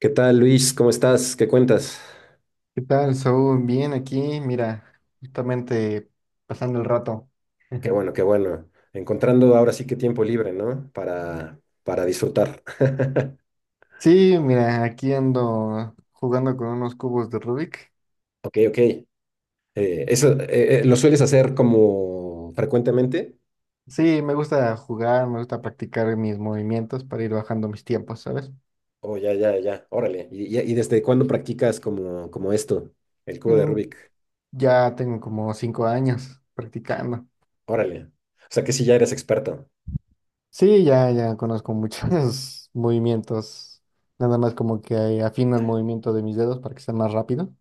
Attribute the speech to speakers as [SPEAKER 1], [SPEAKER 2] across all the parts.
[SPEAKER 1] ¿Qué tal, Luis? ¿Cómo estás? ¿Qué cuentas?
[SPEAKER 2] ¿Qué tal, Saúl? Bien aquí, mira, justamente pasando el rato.
[SPEAKER 1] Qué bueno, qué bueno. Encontrando ahora sí que tiempo libre, ¿no? Para disfrutar.
[SPEAKER 2] Sí, mira, aquí ando jugando con unos cubos de Rubik.
[SPEAKER 1] Ok, ok. Eso, ¿lo sueles hacer como frecuentemente?
[SPEAKER 2] Sí, me gusta jugar, me gusta practicar mis movimientos para ir bajando mis tiempos, ¿sabes?
[SPEAKER 1] Oh, ya, ya, ya. Órale. ¿Y desde cuándo practicas como esto, el cubo de
[SPEAKER 2] Mm,
[SPEAKER 1] Rubik?
[SPEAKER 2] Ya tengo como 5 años practicando.
[SPEAKER 1] Órale. O sea que sí ya eres experto.
[SPEAKER 2] Sí, ya, ya conozco muchos movimientos. Nada más como que afino el movimiento de mis dedos para que sea más rápido.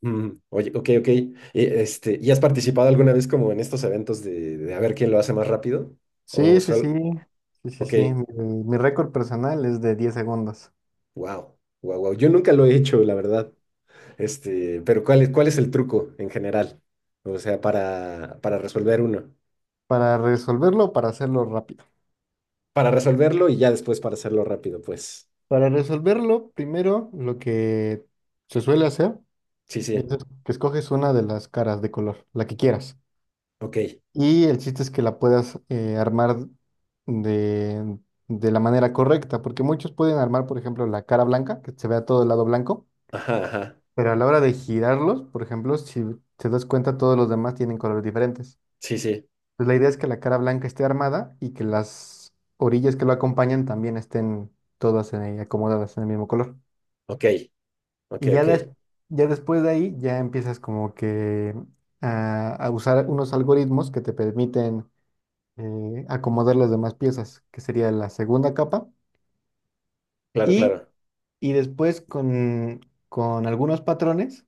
[SPEAKER 1] Mm. Oye, ok, ok. Y, este, ¿y has participado alguna vez como en estos eventos de a ver quién lo hace más rápido? O
[SPEAKER 2] Sí, sí, sí,
[SPEAKER 1] solo,
[SPEAKER 2] sí, sí,
[SPEAKER 1] ok.
[SPEAKER 2] sí. Mi récord personal es de 10 segundos.
[SPEAKER 1] Wow, wow, wow. Yo nunca lo he hecho, la verdad. Este, pero ¿cuál es el truco en general? O sea, para resolver uno.
[SPEAKER 2] Para resolverlo, o para hacerlo rápido.
[SPEAKER 1] Para resolverlo y ya después para hacerlo rápido, pues.
[SPEAKER 2] Para resolverlo, primero lo que se suele hacer
[SPEAKER 1] Sí,
[SPEAKER 2] es
[SPEAKER 1] sí.
[SPEAKER 2] que escoges una de las caras de color, la que quieras.
[SPEAKER 1] Ok.
[SPEAKER 2] Y el chiste es que la puedas armar de, de la manera correcta, porque muchos pueden armar, por ejemplo, la cara blanca, que se vea todo el lado blanco,
[SPEAKER 1] Ajá, ajá.
[SPEAKER 2] pero a la hora de girarlos, por ejemplo, si te das cuenta, todos los demás tienen colores diferentes.
[SPEAKER 1] Sí, sí.
[SPEAKER 2] Pues la idea es que la cara blanca esté armada y que las orillas que lo acompañan también estén todas acomodadas en el mismo color.
[SPEAKER 1] Ok. Ok,
[SPEAKER 2] Y ya,
[SPEAKER 1] ok.
[SPEAKER 2] ya después de ahí ya empiezas como que a usar unos algoritmos que te permiten acomodar las demás piezas, que sería la segunda capa.
[SPEAKER 1] Claro,
[SPEAKER 2] Y,
[SPEAKER 1] claro.
[SPEAKER 2] y después con algunos patrones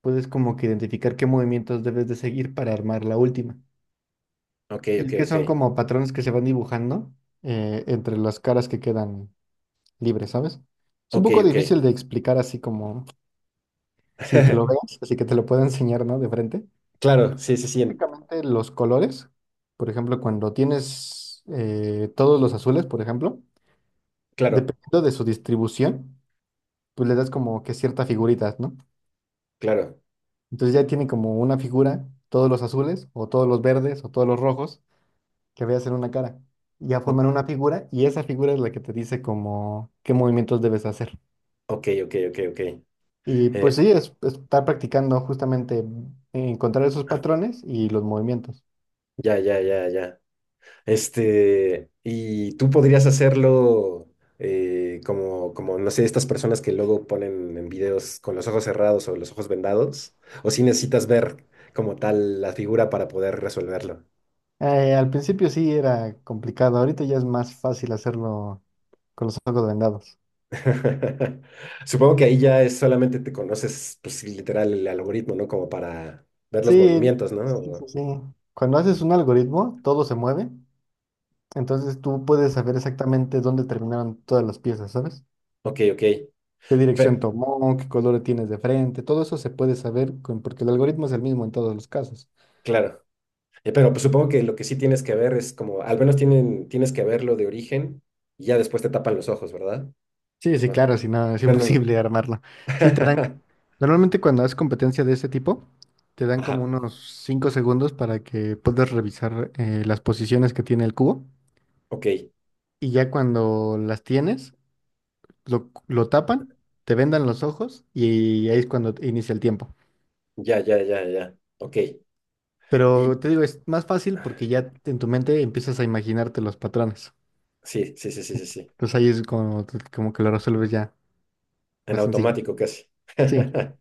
[SPEAKER 2] puedes como que identificar qué movimientos debes de seguir para armar la última.
[SPEAKER 1] Ok,
[SPEAKER 2] Y
[SPEAKER 1] ok,
[SPEAKER 2] es que son
[SPEAKER 1] ok.
[SPEAKER 2] como patrones que se van dibujando entre las caras que quedan libres, ¿sabes? Es un
[SPEAKER 1] Ok,
[SPEAKER 2] poco
[SPEAKER 1] ok.
[SPEAKER 2] difícil de explicar así como sin que lo veas, así que te lo puedo enseñar, ¿no? De frente.
[SPEAKER 1] Claro, sí, sí, sí.
[SPEAKER 2] Prácticamente los colores, por ejemplo, cuando tienes todos los azules, por ejemplo,
[SPEAKER 1] Claro,
[SPEAKER 2] dependiendo de su distribución, pues le das como que ciertas figuritas, ¿no?
[SPEAKER 1] claro.
[SPEAKER 2] Entonces ya tiene como una figura todos los azules, o todos los verdes, o todos los rojos, que veas hacer una cara. Ya
[SPEAKER 1] O-
[SPEAKER 2] forman una figura y esa figura es la que te dice como qué movimientos debes hacer.
[SPEAKER 1] ok, ok, ok, ok.
[SPEAKER 2] Y pues
[SPEAKER 1] Eh,
[SPEAKER 2] sí, es estar practicando justamente encontrar esos patrones y los movimientos.
[SPEAKER 1] ya, ya, ya, ya. Este, y tú podrías hacerlo como, como, no sé, estas personas que luego ponen en videos con los ojos cerrados o los ojos vendados, o si necesitas ver como tal la figura para poder resolverlo.
[SPEAKER 2] Al principio sí era complicado, ahorita ya es más fácil hacerlo con los ojos vendados.
[SPEAKER 1] Supongo que ahí ya es solamente te conoces, pues literal, el algoritmo, ¿no? Como para ver los
[SPEAKER 2] Sí,
[SPEAKER 1] movimientos, ¿no?
[SPEAKER 2] sí, sí, sí. Cuando haces un algoritmo, todo se mueve, entonces tú puedes saber exactamente dónde terminaron todas las piezas, ¿sabes?
[SPEAKER 1] Ok, ok.
[SPEAKER 2] Qué dirección
[SPEAKER 1] Pe-
[SPEAKER 2] tomó, qué color tienes de frente, todo eso se puede porque el algoritmo es el mismo en todos los casos.
[SPEAKER 1] claro. Pero pues, supongo que lo que sí tienes que ver es como, al menos tienes que verlo de origen y ya después te tapan los ojos, ¿verdad?
[SPEAKER 2] Sí, sí,
[SPEAKER 1] Ah.
[SPEAKER 2] claro, si no, es
[SPEAKER 1] No, no, no.
[SPEAKER 2] imposible armarlo. Sí, te dan, normalmente cuando haces competencia de ese tipo, te dan como
[SPEAKER 1] Ajá.
[SPEAKER 2] unos 5 segundos para que puedas revisar las posiciones que tiene el cubo
[SPEAKER 1] Ok.
[SPEAKER 2] y ya cuando las tienes, lo tapan, te vendan los ojos y ahí es cuando inicia el tiempo.
[SPEAKER 1] Ya, ya, ya, ya. Ok.
[SPEAKER 2] Pero
[SPEAKER 1] Y
[SPEAKER 2] te digo, es más fácil porque ya en tu mente empiezas a imaginarte los patrones.
[SPEAKER 1] sí, sí, sí, sí, sí, sí.
[SPEAKER 2] Entonces ahí es como, como que lo resuelves ya,
[SPEAKER 1] En
[SPEAKER 2] más sencillo.
[SPEAKER 1] automático casi.
[SPEAKER 2] Sí,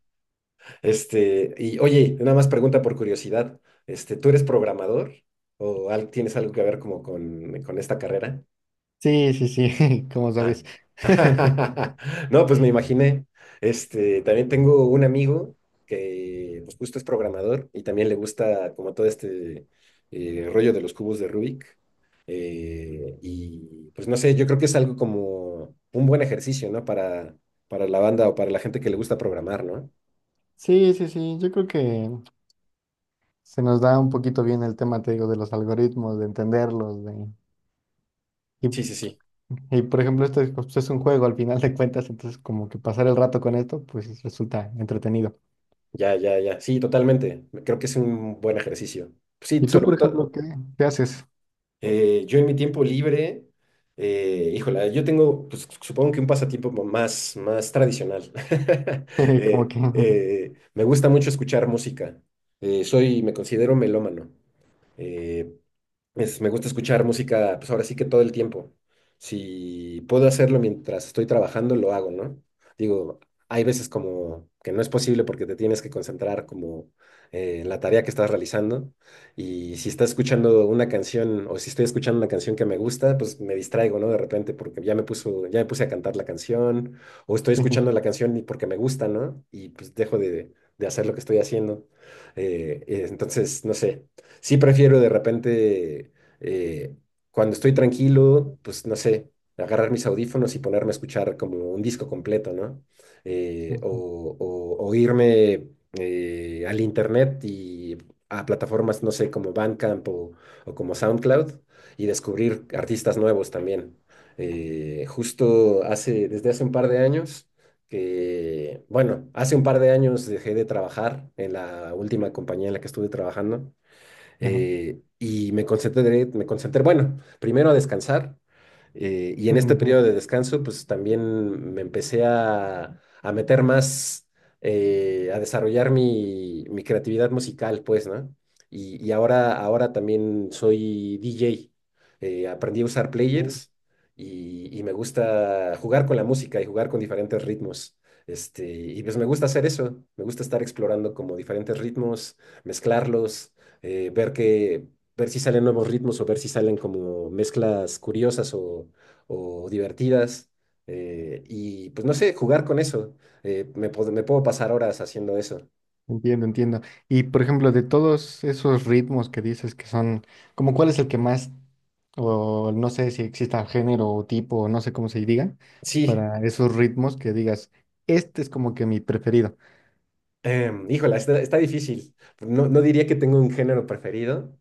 [SPEAKER 1] Este, y oye, nada más pregunta por curiosidad. Este, ¿tú eres programador? Tienes algo que ver como con esta carrera?
[SPEAKER 2] sí, sí, sí, como
[SPEAKER 1] Ah.
[SPEAKER 2] sabes.
[SPEAKER 1] No, pues me imaginé. Este, también tengo un amigo que pues, justo es programador y también le gusta como todo este rollo de los cubos de Rubik. Y pues no sé, yo creo que es algo como un buen ejercicio, ¿no? Para la banda o para la gente que le gusta programar, ¿no?
[SPEAKER 2] Sí, sí, sí, yo creo que se nos da un poquito bien el tema, te digo, de los algoritmos, de entenderlos, de... Y,
[SPEAKER 1] Sí, sí, sí.
[SPEAKER 2] por ejemplo, esto es, pues, es un juego al final de cuentas, entonces como que pasar el rato con esto, pues resulta entretenido.
[SPEAKER 1] Ya, ya, ya. Sí, totalmente. Creo que es un buen ejercicio. Sí,
[SPEAKER 2] ¿Y tú, por
[SPEAKER 1] sobre todo.
[SPEAKER 2] ejemplo, qué haces?
[SPEAKER 1] Yo en mi tiempo libre, híjola, yo tengo, pues, supongo que un pasatiempo más, más tradicional.
[SPEAKER 2] Como que...
[SPEAKER 1] Me gusta mucho escuchar música. Soy, me considero melómano. Eh, es, me gusta escuchar música, pues ahora sí que todo el tiempo. Si puedo hacerlo mientras estoy trabajando, lo hago, ¿no? Digo, hay veces como que no es posible porque te tienes que concentrar como en la tarea que estás realizando. Y si estás escuchando una canción o si estoy escuchando una canción que me gusta, pues me distraigo, ¿no? De repente porque ya me puso, ya me puse a cantar la canción o estoy escuchando la canción y porque me gusta, ¿no? Y pues de hacer lo que estoy haciendo. Entonces, no sé sí prefiero de repente, eh, cuando estoy tranquilo, pues no sé, agarrar mis audífonos y ponerme a escuchar como un disco completo, ¿no? O irme al internet y a plataformas, no sé, como Bandcamp o como SoundCloud y descubrir artistas nuevos también. Desde hace un par de años que, bueno, hace un par de años dejé de trabajar en la última compañía en la que estuve trabajando
[SPEAKER 2] Ajá.
[SPEAKER 1] y me concentré, bueno, primero a descansar y en este periodo de descanso pues también me empecé a meter más, a desarrollar mi creatividad musical pues, ¿no? Y ahora también soy DJ, aprendí a usar players y me gusta jugar con la música y jugar con diferentes ritmos. Este, y pues me gusta hacer eso, me gusta estar explorando como diferentes ritmos, mezclarlos eh, ver que, ver si salen nuevos ritmos o ver si salen como mezclas curiosas o divertidas. Y pues no sé, jugar con eso. Me, me puedo pasar horas haciendo eso.
[SPEAKER 2] Entiendo, entiendo. Y por ejemplo, de todos esos ritmos que dices que son, como cuál es el que más, o no sé si exista género o tipo, o no sé cómo se diga,
[SPEAKER 1] Sí,
[SPEAKER 2] para esos ritmos que digas, este es como que mi preferido.
[SPEAKER 1] Híjola, está difícil. No, no diría que tengo un género preferido,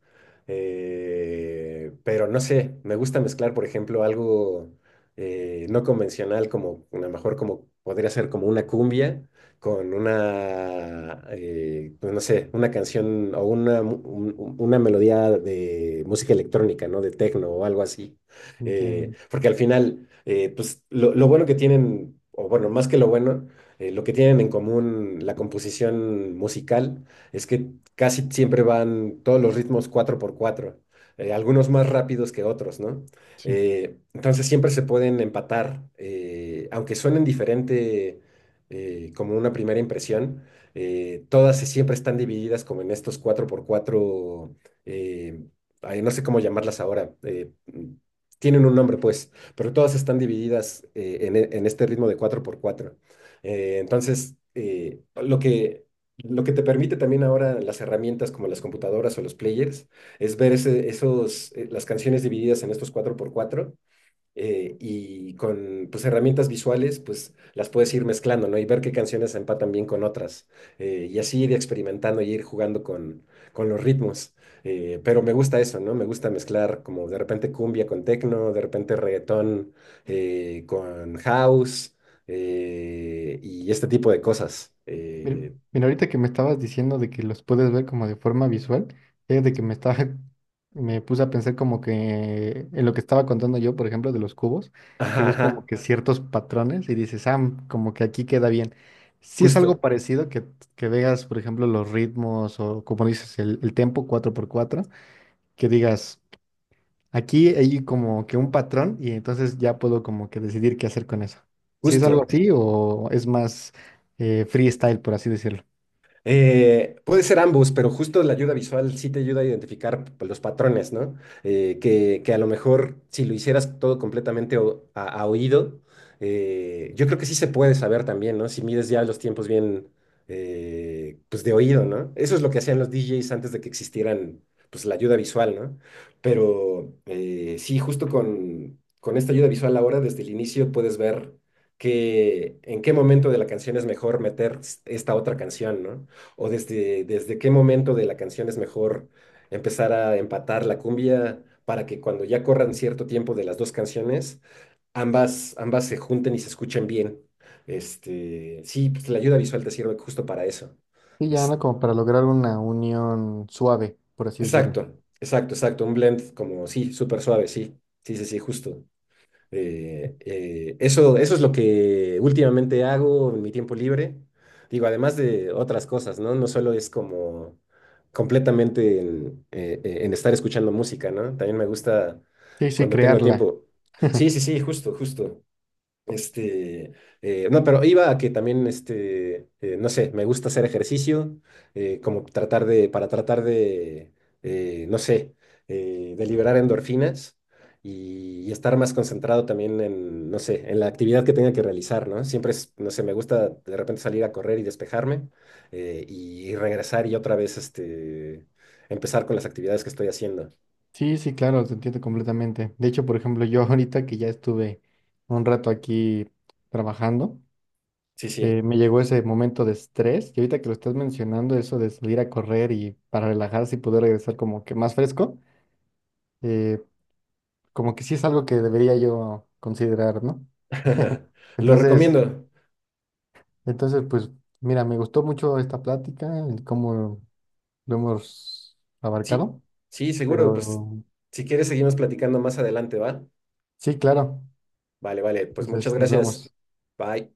[SPEAKER 1] pero no sé, me gusta mezclar, por ejemplo, algo no convencional, como a lo mejor como podría ser como una cumbia, pues no sé, una canción o una, una melodía de música electrónica, ¿no? De techno o algo así.
[SPEAKER 2] Entiendo.
[SPEAKER 1] Porque al final, pues lo bueno que tienen, o bueno, más que lo bueno lo que tienen en común la composición musical es que casi siempre van todos los ritmos cuatro por cuatro, algunos más rápidos que otros, ¿no?
[SPEAKER 2] Sí.
[SPEAKER 1] Entonces siempre se pueden empatar, aunque suenen diferente como una primera impresión, todas siempre están divididas como en estos cuatro por cuatro, eh, ay, no sé cómo llamarlas ahora. Tienen un nombre, pues, pero todas están divididas en este ritmo de cuatro por cuatro. Eh, entonces, eh, lo que, lo que te permite también ahora las herramientas como las computadoras o los players es las canciones divididas en estos cuatro por cuatro y con pues, herramientas visuales, pues las puedes ir mezclando, ¿no? Y ver qué canciones empatan bien con otras. Y así ir experimentando y ir jugando con los ritmos. Pero me gusta eso, ¿no? Me gusta mezclar como de repente cumbia con techno, de repente reggaetón con house y este tipo de cosas.
[SPEAKER 2] Mira, mira, ahorita que me estabas diciendo de que los puedes ver como de forma visual, es de que me estaba, me puse a pensar como que en lo que estaba contando yo, por ejemplo, de los cubos, que
[SPEAKER 1] Ajá,
[SPEAKER 2] ves como
[SPEAKER 1] ajá,
[SPEAKER 2] que ciertos patrones y dices, ah, como que aquí queda bien. Si es algo
[SPEAKER 1] justo,
[SPEAKER 2] parecido que veas, por ejemplo, los ritmos o como dices, el tempo 4/4 que digas, aquí hay como que un patrón y entonces ya puedo como que decidir qué hacer con eso. Si es algo
[SPEAKER 1] justo.
[SPEAKER 2] así o es más freestyle, por así decirlo.
[SPEAKER 1] Puede ser ambos, pero justo la ayuda visual sí te ayuda a identificar pues, los patrones, ¿no? Que a lo mejor si lo hicieras todo completamente a oído, yo creo que sí se puede saber también, ¿no? Si mides ya los tiempos bien, pues de oído, ¿no? Eso es lo que hacían los DJs antes de que existieran, pues la ayuda visual, ¿no? Pero sí, justo con esta ayuda visual ahora, desde el inicio puedes ver que en qué momento de la canción es mejor meter esta otra canción, ¿no? O desde qué momento de la canción es mejor empezar a empatar la cumbia para que cuando ya corran cierto tiempo de las dos canciones, ambas se junten y se escuchen bien. Este, sí, pues la ayuda visual te sirve justo para eso.
[SPEAKER 2] Sí, ya, ¿no?
[SPEAKER 1] Es,
[SPEAKER 2] Como para lograr una unión suave, por así decirlo.
[SPEAKER 1] exacto, exacto, exacto. Un blend como, sí, súper suave, sí, sí, sí, sí, justo. Eso, eso es lo que últimamente hago en mi tiempo libre. Digo, además de otras cosas, ¿no? No solo es como completamente en estar escuchando música, ¿no? También me gusta
[SPEAKER 2] Sí, sí,
[SPEAKER 1] cuando tengo
[SPEAKER 2] crearla.
[SPEAKER 1] tiempo. Sí, sí, sí, justo, justo. Este, no, pero iba a que también, este, no sé, me gusta hacer ejercicio, como para tratar de, no sé, de liberar endorfinas y estar más concentrado también en, no sé, en la actividad que tenga que realizar, ¿no? Siempre es, no sé, me gusta de repente salir a correr y despejarme y regresar y otra vez, este, empezar con las actividades que estoy haciendo.
[SPEAKER 2] Sí, sí, claro, te entiendo completamente. De hecho, por ejemplo, yo ahorita que ya estuve un rato aquí trabajando,
[SPEAKER 1] Sí, sí.
[SPEAKER 2] me llegó ese momento de estrés y ahorita que lo estás mencionando, eso de salir a correr y para relajarse y poder regresar como que más fresco, eh, como que sí es algo que debería yo considerar, ¿no?
[SPEAKER 1] Lo
[SPEAKER 2] Entonces,
[SPEAKER 1] recomiendo.
[SPEAKER 2] entonces, pues, mira, me gustó mucho esta plática, el cómo lo hemos
[SPEAKER 1] Sí,
[SPEAKER 2] abarcado.
[SPEAKER 1] sí, seguro. Pues
[SPEAKER 2] Pero
[SPEAKER 1] si quieres, seguimos platicando más adelante, ¿va?
[SPEAKER 2] sí, claro.
[SPEAKER 1] Vale, vale. Pues muchas
[SPEAKER 2] Entonces, nos vemos.
[SPEAKER 1] gracias.
[SPEAKER 2] Bye.
[SPEAKER 1] Bye.